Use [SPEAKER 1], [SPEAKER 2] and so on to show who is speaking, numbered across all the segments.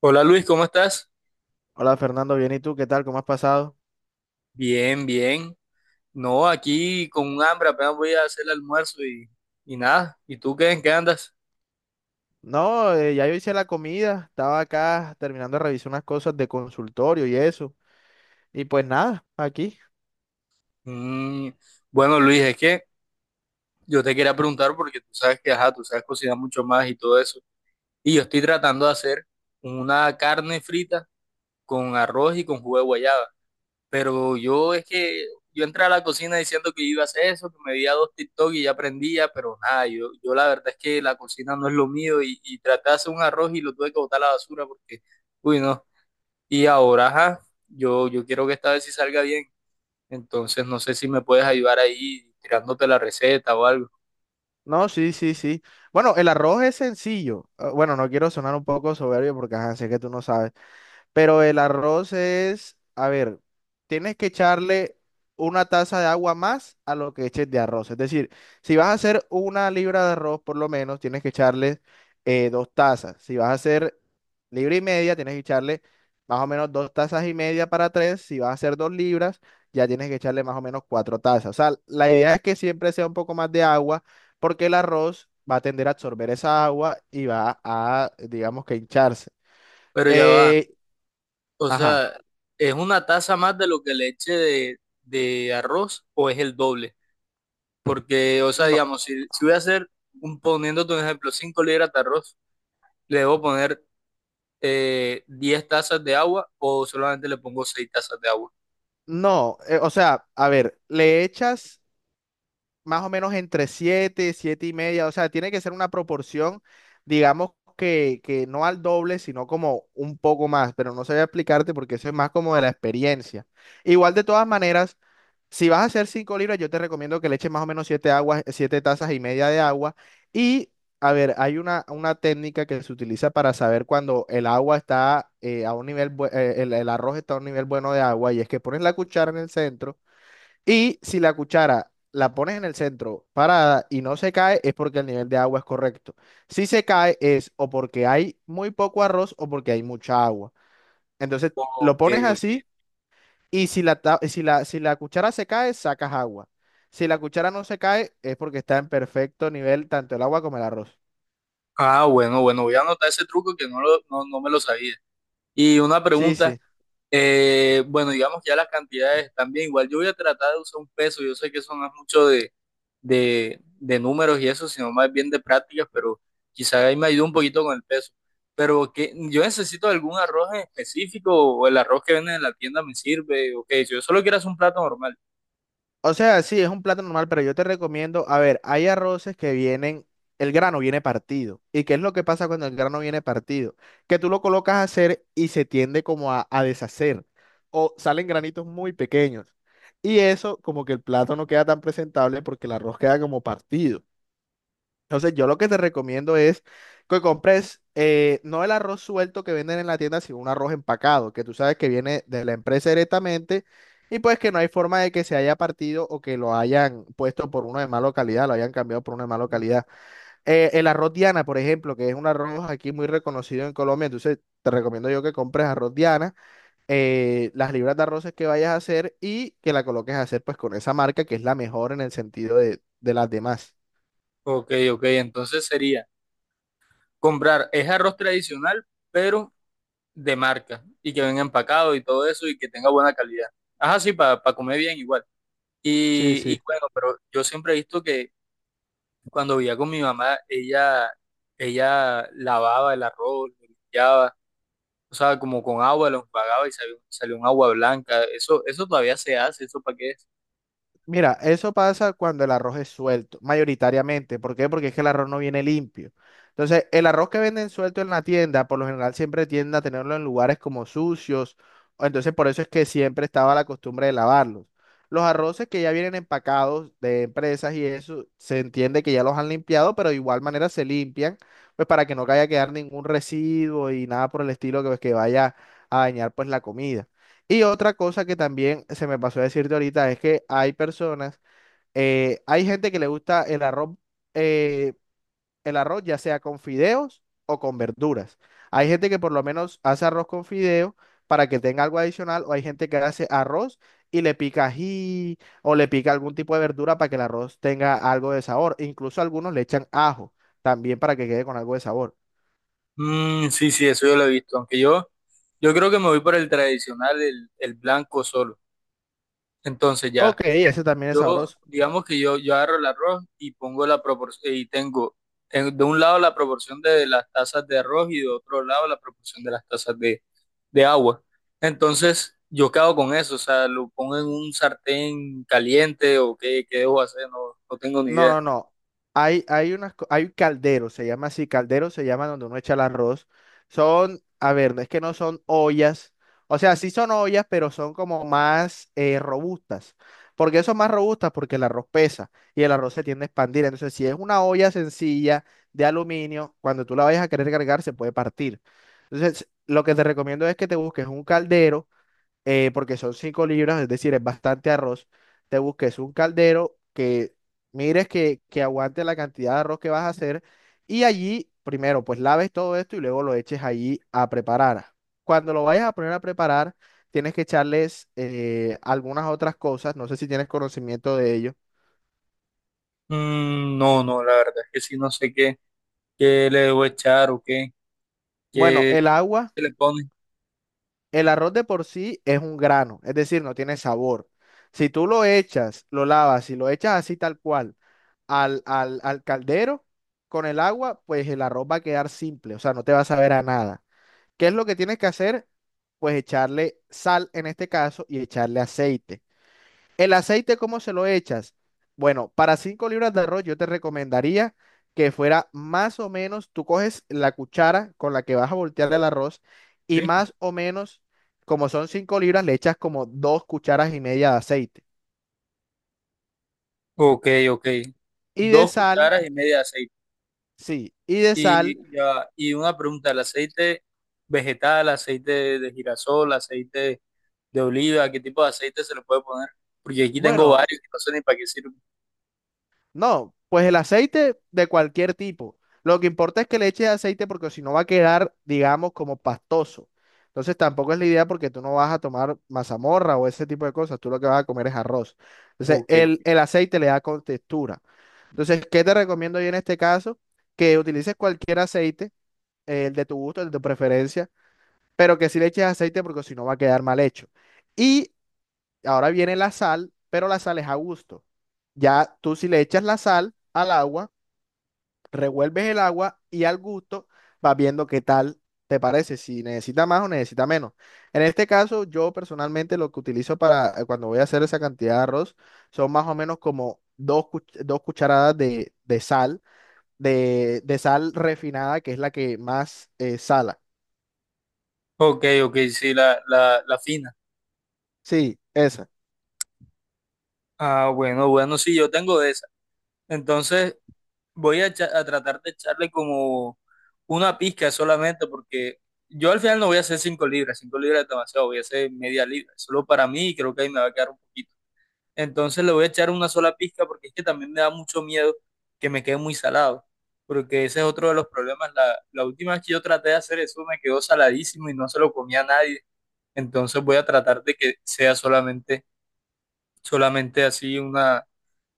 [SPEAKER 1] Hola Luis, ¿cómo estás?
[SPEAKER 2] Hola Fernando, bien, ¿y tú qué tal? ¿Cómo has pasado?
[SPEAKER 1] Bien, bien. No, aquí con un hambre, apenas voy a hacer el almuerzo y nada. ¿Y tú qué? ¿En qué andas?
[SPEAKER 2] No, ya yo hice la comida, estaba acá terminando de revisar unas cosas de consultorio y eso. Y pues nada, aquí.
[SPEAKER 1] Mm, bueno, Luis, es que yo te quería preguntar porque tú sabes que, ajá, tú sabes cocinar mucho más y todo eso. Y yo estoy tratando de hacer una carne frita con arroz y con jugo de guayaba. Pero yo es que yo entré a la cocina diciendo que iba a hacer eso, que me veía dos TikTok y ya aprendía, pero nada, yo la verdad es que la cocina no es lo mío y traté de hacer un arroz y lo tuve que botar a la basura porque, uy, no. Y ahora, ajá, yo quiero que esta vez sí salga bien. Entonces, no sé si me puedes ayudar ahí tirándote la receta o algo.
[SPEAKER 2] No, sí, sí, sí. Bueno, el arroz es sencillo. Ah, bueno, no quiero sonar un poco soberbio porque ajá, sé que tú no sabes. Pero el arroz es, a ver, tienes que echarle 1 taza de agua más a lo que eches de arroz. Es decir, si vas a hacer 1 libra de arroz, por lo menos, tienes que echarle 2 tazas. Si vas a hacer libra y media, tienes que echarle más o menos 2 tazas y media para 3. Si vas a hacer 2 libras, ya tienes que echarle más o menos 4 tazas. O sea, la idea es que siempre sea un poco más de agua, porque el arroz va a tender a absorber esa agua y va a, digamos que hincharse.
[SPEAKER 1] Pero ya va.
[SPEAKER 2] Eh,
[SPEAKER 1] O
[SPEAKER 2] ajá.
[SPEAKER 1] sea, ¿es una taza más de lo que le eche de arroz o es el doble? Porque, o sea,
[SPEAKER 2] No,
[SPEAKER 1] digamos, si voy a hacer, poniéndote un ejemplo, 5 libras de arroz, le debo poner 10 tazas de agua o solamente le pongo 6 tazas de agua.
[SPEAKER 2] no, o sea, a ver, le echas, más o menos entre 7, 7 y media, o sea, tiene que ser una proporción, digamos que no al doble, sino como un poco más, pero no sabía explicarte porque eso es más como de la experiencia. Igual de todas maneras, si vas a hacer 5 libras, yo te recomiendo que le eches más o menos 7 aguas, 7 tazas y media de agua y... A ver, hay una técnica que se utiliza para saber cuando el agua está a un nivel, el arroz está a un nivel bueno de agua y es que pones la cuchara en el centro y si la cuchara la pones en el centro parada y no se cae, es porque el nivel de agua es correcto. Si se cae, es o porque hay muy poco arroz o porque hay mucha agua. Entonces lo
[SPEAKER 1] Ok,
[SPEAKER 2] pones
[SPEAKER 1] ok.
[SPEAKER 2] así y si la, ta- si la, si la cuchara se cae, sacas agua. Si la cuchara no se cae, es porque está en perfecto nivel tanto el agua como el arroz.
[SPEAKER 1] Ah, bueno, bueno, voy a anotar ese truco que no me lo sabía. Y una
[SPEAKER 2] Sí,
[SPEAKER 1] pregunta.
[SPEAKER 2] sí.
[SPEAKER 1] Bueno, digamos ya las cantidades también. Igual yo voy a tratar de usar un peso. Yo sé que eso no es mucho de números y eso, sino más bien de prácticas, pero quizá ahí me ayude un poquito con el peso. Pero que yo necesito algún arroz en específico o el arroz que venden en la tienda me sirve. Ok, si yo solo quiero hacer un plato normal.
[SPEAKER 2] O sea, sí, es un plato normal, pero yo te recomiendo, a ver, hay arroces que vienen, el grano viene partido. ¿Y qué es lo que pasa cuando el grano viene partido? Que tú lo colocas a hacer y se tiende como a deshacer o salen granitos muy pequeños. Y eso como que el plato no queda tan presentable porque el arroz queda como partido. Entonces, yo lo que te recomiendo es que compres no el arroz suelto que venden en la tienda, sino un arroz empacado, que tú sabes que viene de la empresa directamente y pues que no hay forma de que se haya partido o que lo hayan puesto por uno de mala calidad, lo hayan cambiado por uno de mala
[SPEAKER 1] Mm.
[SPEAKER 2] calidad. El arroz Diana, por ejemplo, que es un arroz aquí muy reconocido en Colombia, entonces te recomiendo yo que compres arroz Diana, las libras de arroces que vayas a hacer y que la coloques a hacer pues con esa marca que es la mejor en el sentido de las demás.
[SPEAKER 1] Ok, ok, entonces sería comprar, es arroz tradicional, pero de marca y que venga empacado y todo eso y que tenga buena calidad. Ajá, sí, para comer bien igual.
[SPEAKER 2] Sí,
[SPEAKER 1] Y
[SPEAKER 2] sí.
[SPEAKER 1] bueno, pero yo siempre he visto que cuando vivía con mi mamá, ella lavaba el arroz, lo limpiaba, o sea, como con agua lo enjuagaba y salió un agua blanca. Eso todavía se hace, ¿eso para qué es?
[SPEAKER 2] Mira, eso pasa cuando el arroz es suelto, mayoritariamente. ¿Por qué? Porque es que el arroz no viene limpio. Entonces, el arroz que venden suelto en la tienda, por lo general siempre tiende a tenerlo en lugares como sucios. O Entonces, por eso es que siempre estaba la costumbre de lavarlos. Los arroces que ya vienen empacados de empresas y eso, se entiende que ya los han limpiado, pero de igual manera se limpian, pues para que no vaya a quedar ningún residuo y nada por el estilo que, pues, que vaya a dañar pues la comida. Y otra cosa que también se me pasó a decirte ahorita es que hay personas, hay gente que le gusta eh, el arroz ya sea con fideos o con verduras. Hay gente que por lo menos hace arroz con fideo para que tenga algo adicional, o hay gente que hace arroz y le pica ají o le pica algún tipo de verdura para que el arroz tenga algo de sabor. Incluso algunos le echan ajo también para que quede con algo de sabor.
[SPEAKER 1] Mm, sí, sí, eso yo lo he visto, aunque yo creo que me voy por el tradicional, el blanco solo. Entonces ya.
[SPEAKER 2] Ok, ese también es
[SPEAKER 1] Yo,
[SPEAKER 2] sabroso.
[SPEAKER 1] digamos que yo agarro el arroz y pongo la proporción, y tengo de un lado la proporción de las tazas de arroz y de otro lado la proporción de las tazas de agua. Entonces, yo quedo con eso, o sea, lo pongo en un sartén caliente o qué debo hacer, no, no tengo ni
[SPEAKER 2] No,
[SPEAKER 1] idea.
[SPEAKER 2] no, no. Hay hay calderos, se llama así, calderos se llama donde uno echa el arroz. Son, a ver, no es que no son ollas. O sea, sí son ollas, pero son como más robustas. ¿Por qué son más robustas? Porque el arroz pesa y el arroz se tiende a expandir. Entonces, si es una olla sencilla de aluminio, cuando tú la vayas a querer cargar, se puede partir. Entonces, lo que te recomiendo es que te busques un caldero porque son 5 libras, es decir, es bastante arroz, te busques un caldero que mires que aguante la cantidad de arroz que vas a hacer y allí primero pues laves todo esto y luego lo eches allí a preparar. Cuando lo vayas a poner a preparar, tienes que echarles algunas otras cosas, no sé si tienes conocimiento de ello.
[SPEAKER 1] Mm, no, no, la verdad es que sí, no sé qué le debo echar o
[SPEAKER 2] Bueno,
[SPEAKER 1] qué,
[SPEAKER 2] el agua.
[SPEAKER 1] qué le pone.
[SPEAKER 2] El arroz de por sí es un grano, es decir, no tiene sabor. Si tú lo echas, lo lavas y lo echas así tal cual al caldero con el agua, pues el arroz va a quedar simple, o sea, no te va a saber a nada. ¿Qué es lo que tienes que hacer? Pues echarle sal en este caso y echarle aceite. ¿El aceite cómo se lo echas? Bueno, para 5 libras de arroz yo te recomendaría que fuera más o menos, tú coges la cuchara con la que vas a voltear el arroz y
[SPEAKER 1] ¿Sí?
[SPEAKER 2] más o menos, como son 5 libras, le echas como 2 cucharas y media de aceite.
[SPEAKER 1] Ok, ok.
[SPEAKER 2] Y de
[SPEAKER 1] Dos
[SPEAKER 2] sal,
[SPEAKER 1] cucharas y media de aceite.
[SPEAKER 2] sí, y de sal,
[SPEAKER 1] Y, ya, y una pregunta, ¿el aceite vegetal, aceite de girasol, aceite de oliva, qué tipo de aceite se le puede poner? Porque aquí tengo
[SPEAKER 2] bueno,
[SPEAKER 1] varios que no sé ni para qué sirven.
[SPEAKER 2] No, pues el aceite de cualquier tipo. Lo que importa es que le eches aceite porque si no va a quedar, digamos, como pastoso. Entonces tampoco es la idea porque tú no vas a tomar mazamorra o ese tipo de cosas. Tú lo que vas a comer es arroz. Entonces
[SPEAKER 1] Ok,
[SPEAKER 2] el aceite le da con textura. Entonces, ¿qué te recomiendo yo en este caso? Que utilices cualquier aceite, el de tu gusto, el de tu preferencia, pero que sí le eches aceite porque si no va a quedar mal hecho. Y ahora viene la sal, pero la sal es a gusto. Ya tú si le echas la sal al agua, revuelves el agua y al gusto vas viendo qué tal te parece, si necesita más o necesita menos. En este caso, yo personalmente lo que utilizo para cuando voy a hacer esa cantidad de arroz son más o menos como dos cucharadas de sal, de sal refinada, que es la que más sala.
[SPEAKER 1] ok, ok, sí, la fina.
[SPEAKER 2] Sí, esa.
[SPEAKER 1] Ah, bueno, bueno, sí, yo tengo de esa. Entonces voy a, a tratar de echarle como una pizca solamente porque yo al final no voy a hacer 5 libras, 5 libras es demasiado, voy a hacer media libra, solo para mí y creo que ahí me va a quedar un poquito. Entonces le voy a echar una sola pizca porque es que también me da mucho miedo que me quede muy salado, porque ese es otro de los problemas. La última vez que yo traté de hacer eso me quedó saladísimo y no se lo comía a nadie. Entonces voy a tratar de que sea solamente así una,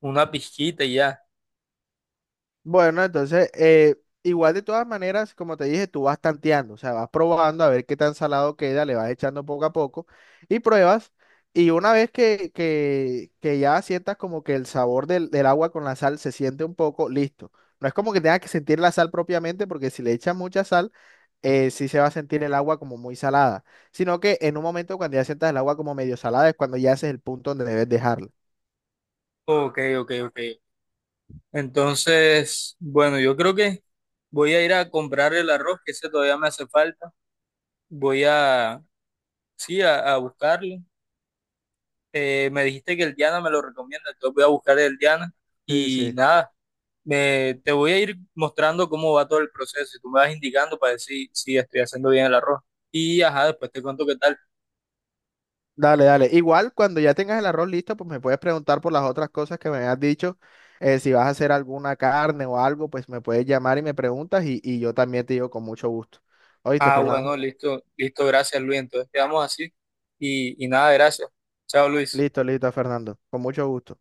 [SPEAKER 1] una pizquita y ya.
[SPEAKER 2] Bueno, entonces, igual de todas maneras, como te dije, tú vas tanteando, o sea, vas probando a ver qué tan salado queda, le vas echando poco a poco y pruebas. Y una vez que, ya sientas como que el sabor del agua con la sal se siente un poco, listo. No es como que tengas que sentir la sal propiamente, porque si le echas mucha sal, sí se va a sentir el agua como muy salada. Sino que en un momento cuando ya sientas el agua como medio salada es cuando ya haces el punto donde debes dejarla.
[SPEAKER 1] Ok, ok, ok. Entonces, bueno, yo creo que voy a ir a comprar el arroz, que ese todavía me hace falta. Voy a, sí, a buscarlo, me dijiste que el Diana me lo recomienda, entonces voy a buscar el Diana
[SPEAKER 2] Sí,
[SPEAKER 1] y
[SPEAKER 2] sí.
[SPEAKER 1] nada, te voy a ir mostrando cómo va todo el proceso y tú me vas indicando para decir si estoy haciendo bien el arroz. Y ajá, después te cuento qué tal.
[SPEAKER 2] Dale, dale. Igual cuando ya tengas el arroz listo, pues me puedes preguntar por las otras cosas que me has dicho. Si vas a hacer alguna carne o algo, pues me puedes llamar y me preguntas y yo también te digo con mucho gusto. ¿Oíste,
[SPEAKER 1] Ah,
[SPEAKER 2] Fernando?
[SPEAKER 1] bueno, listo, listo, gracias Luis, entonces quedamos así y nada, gracias. Chao Luis.
[SPEAKER 2] Listo, listo, Fernando. Con mucho gusto.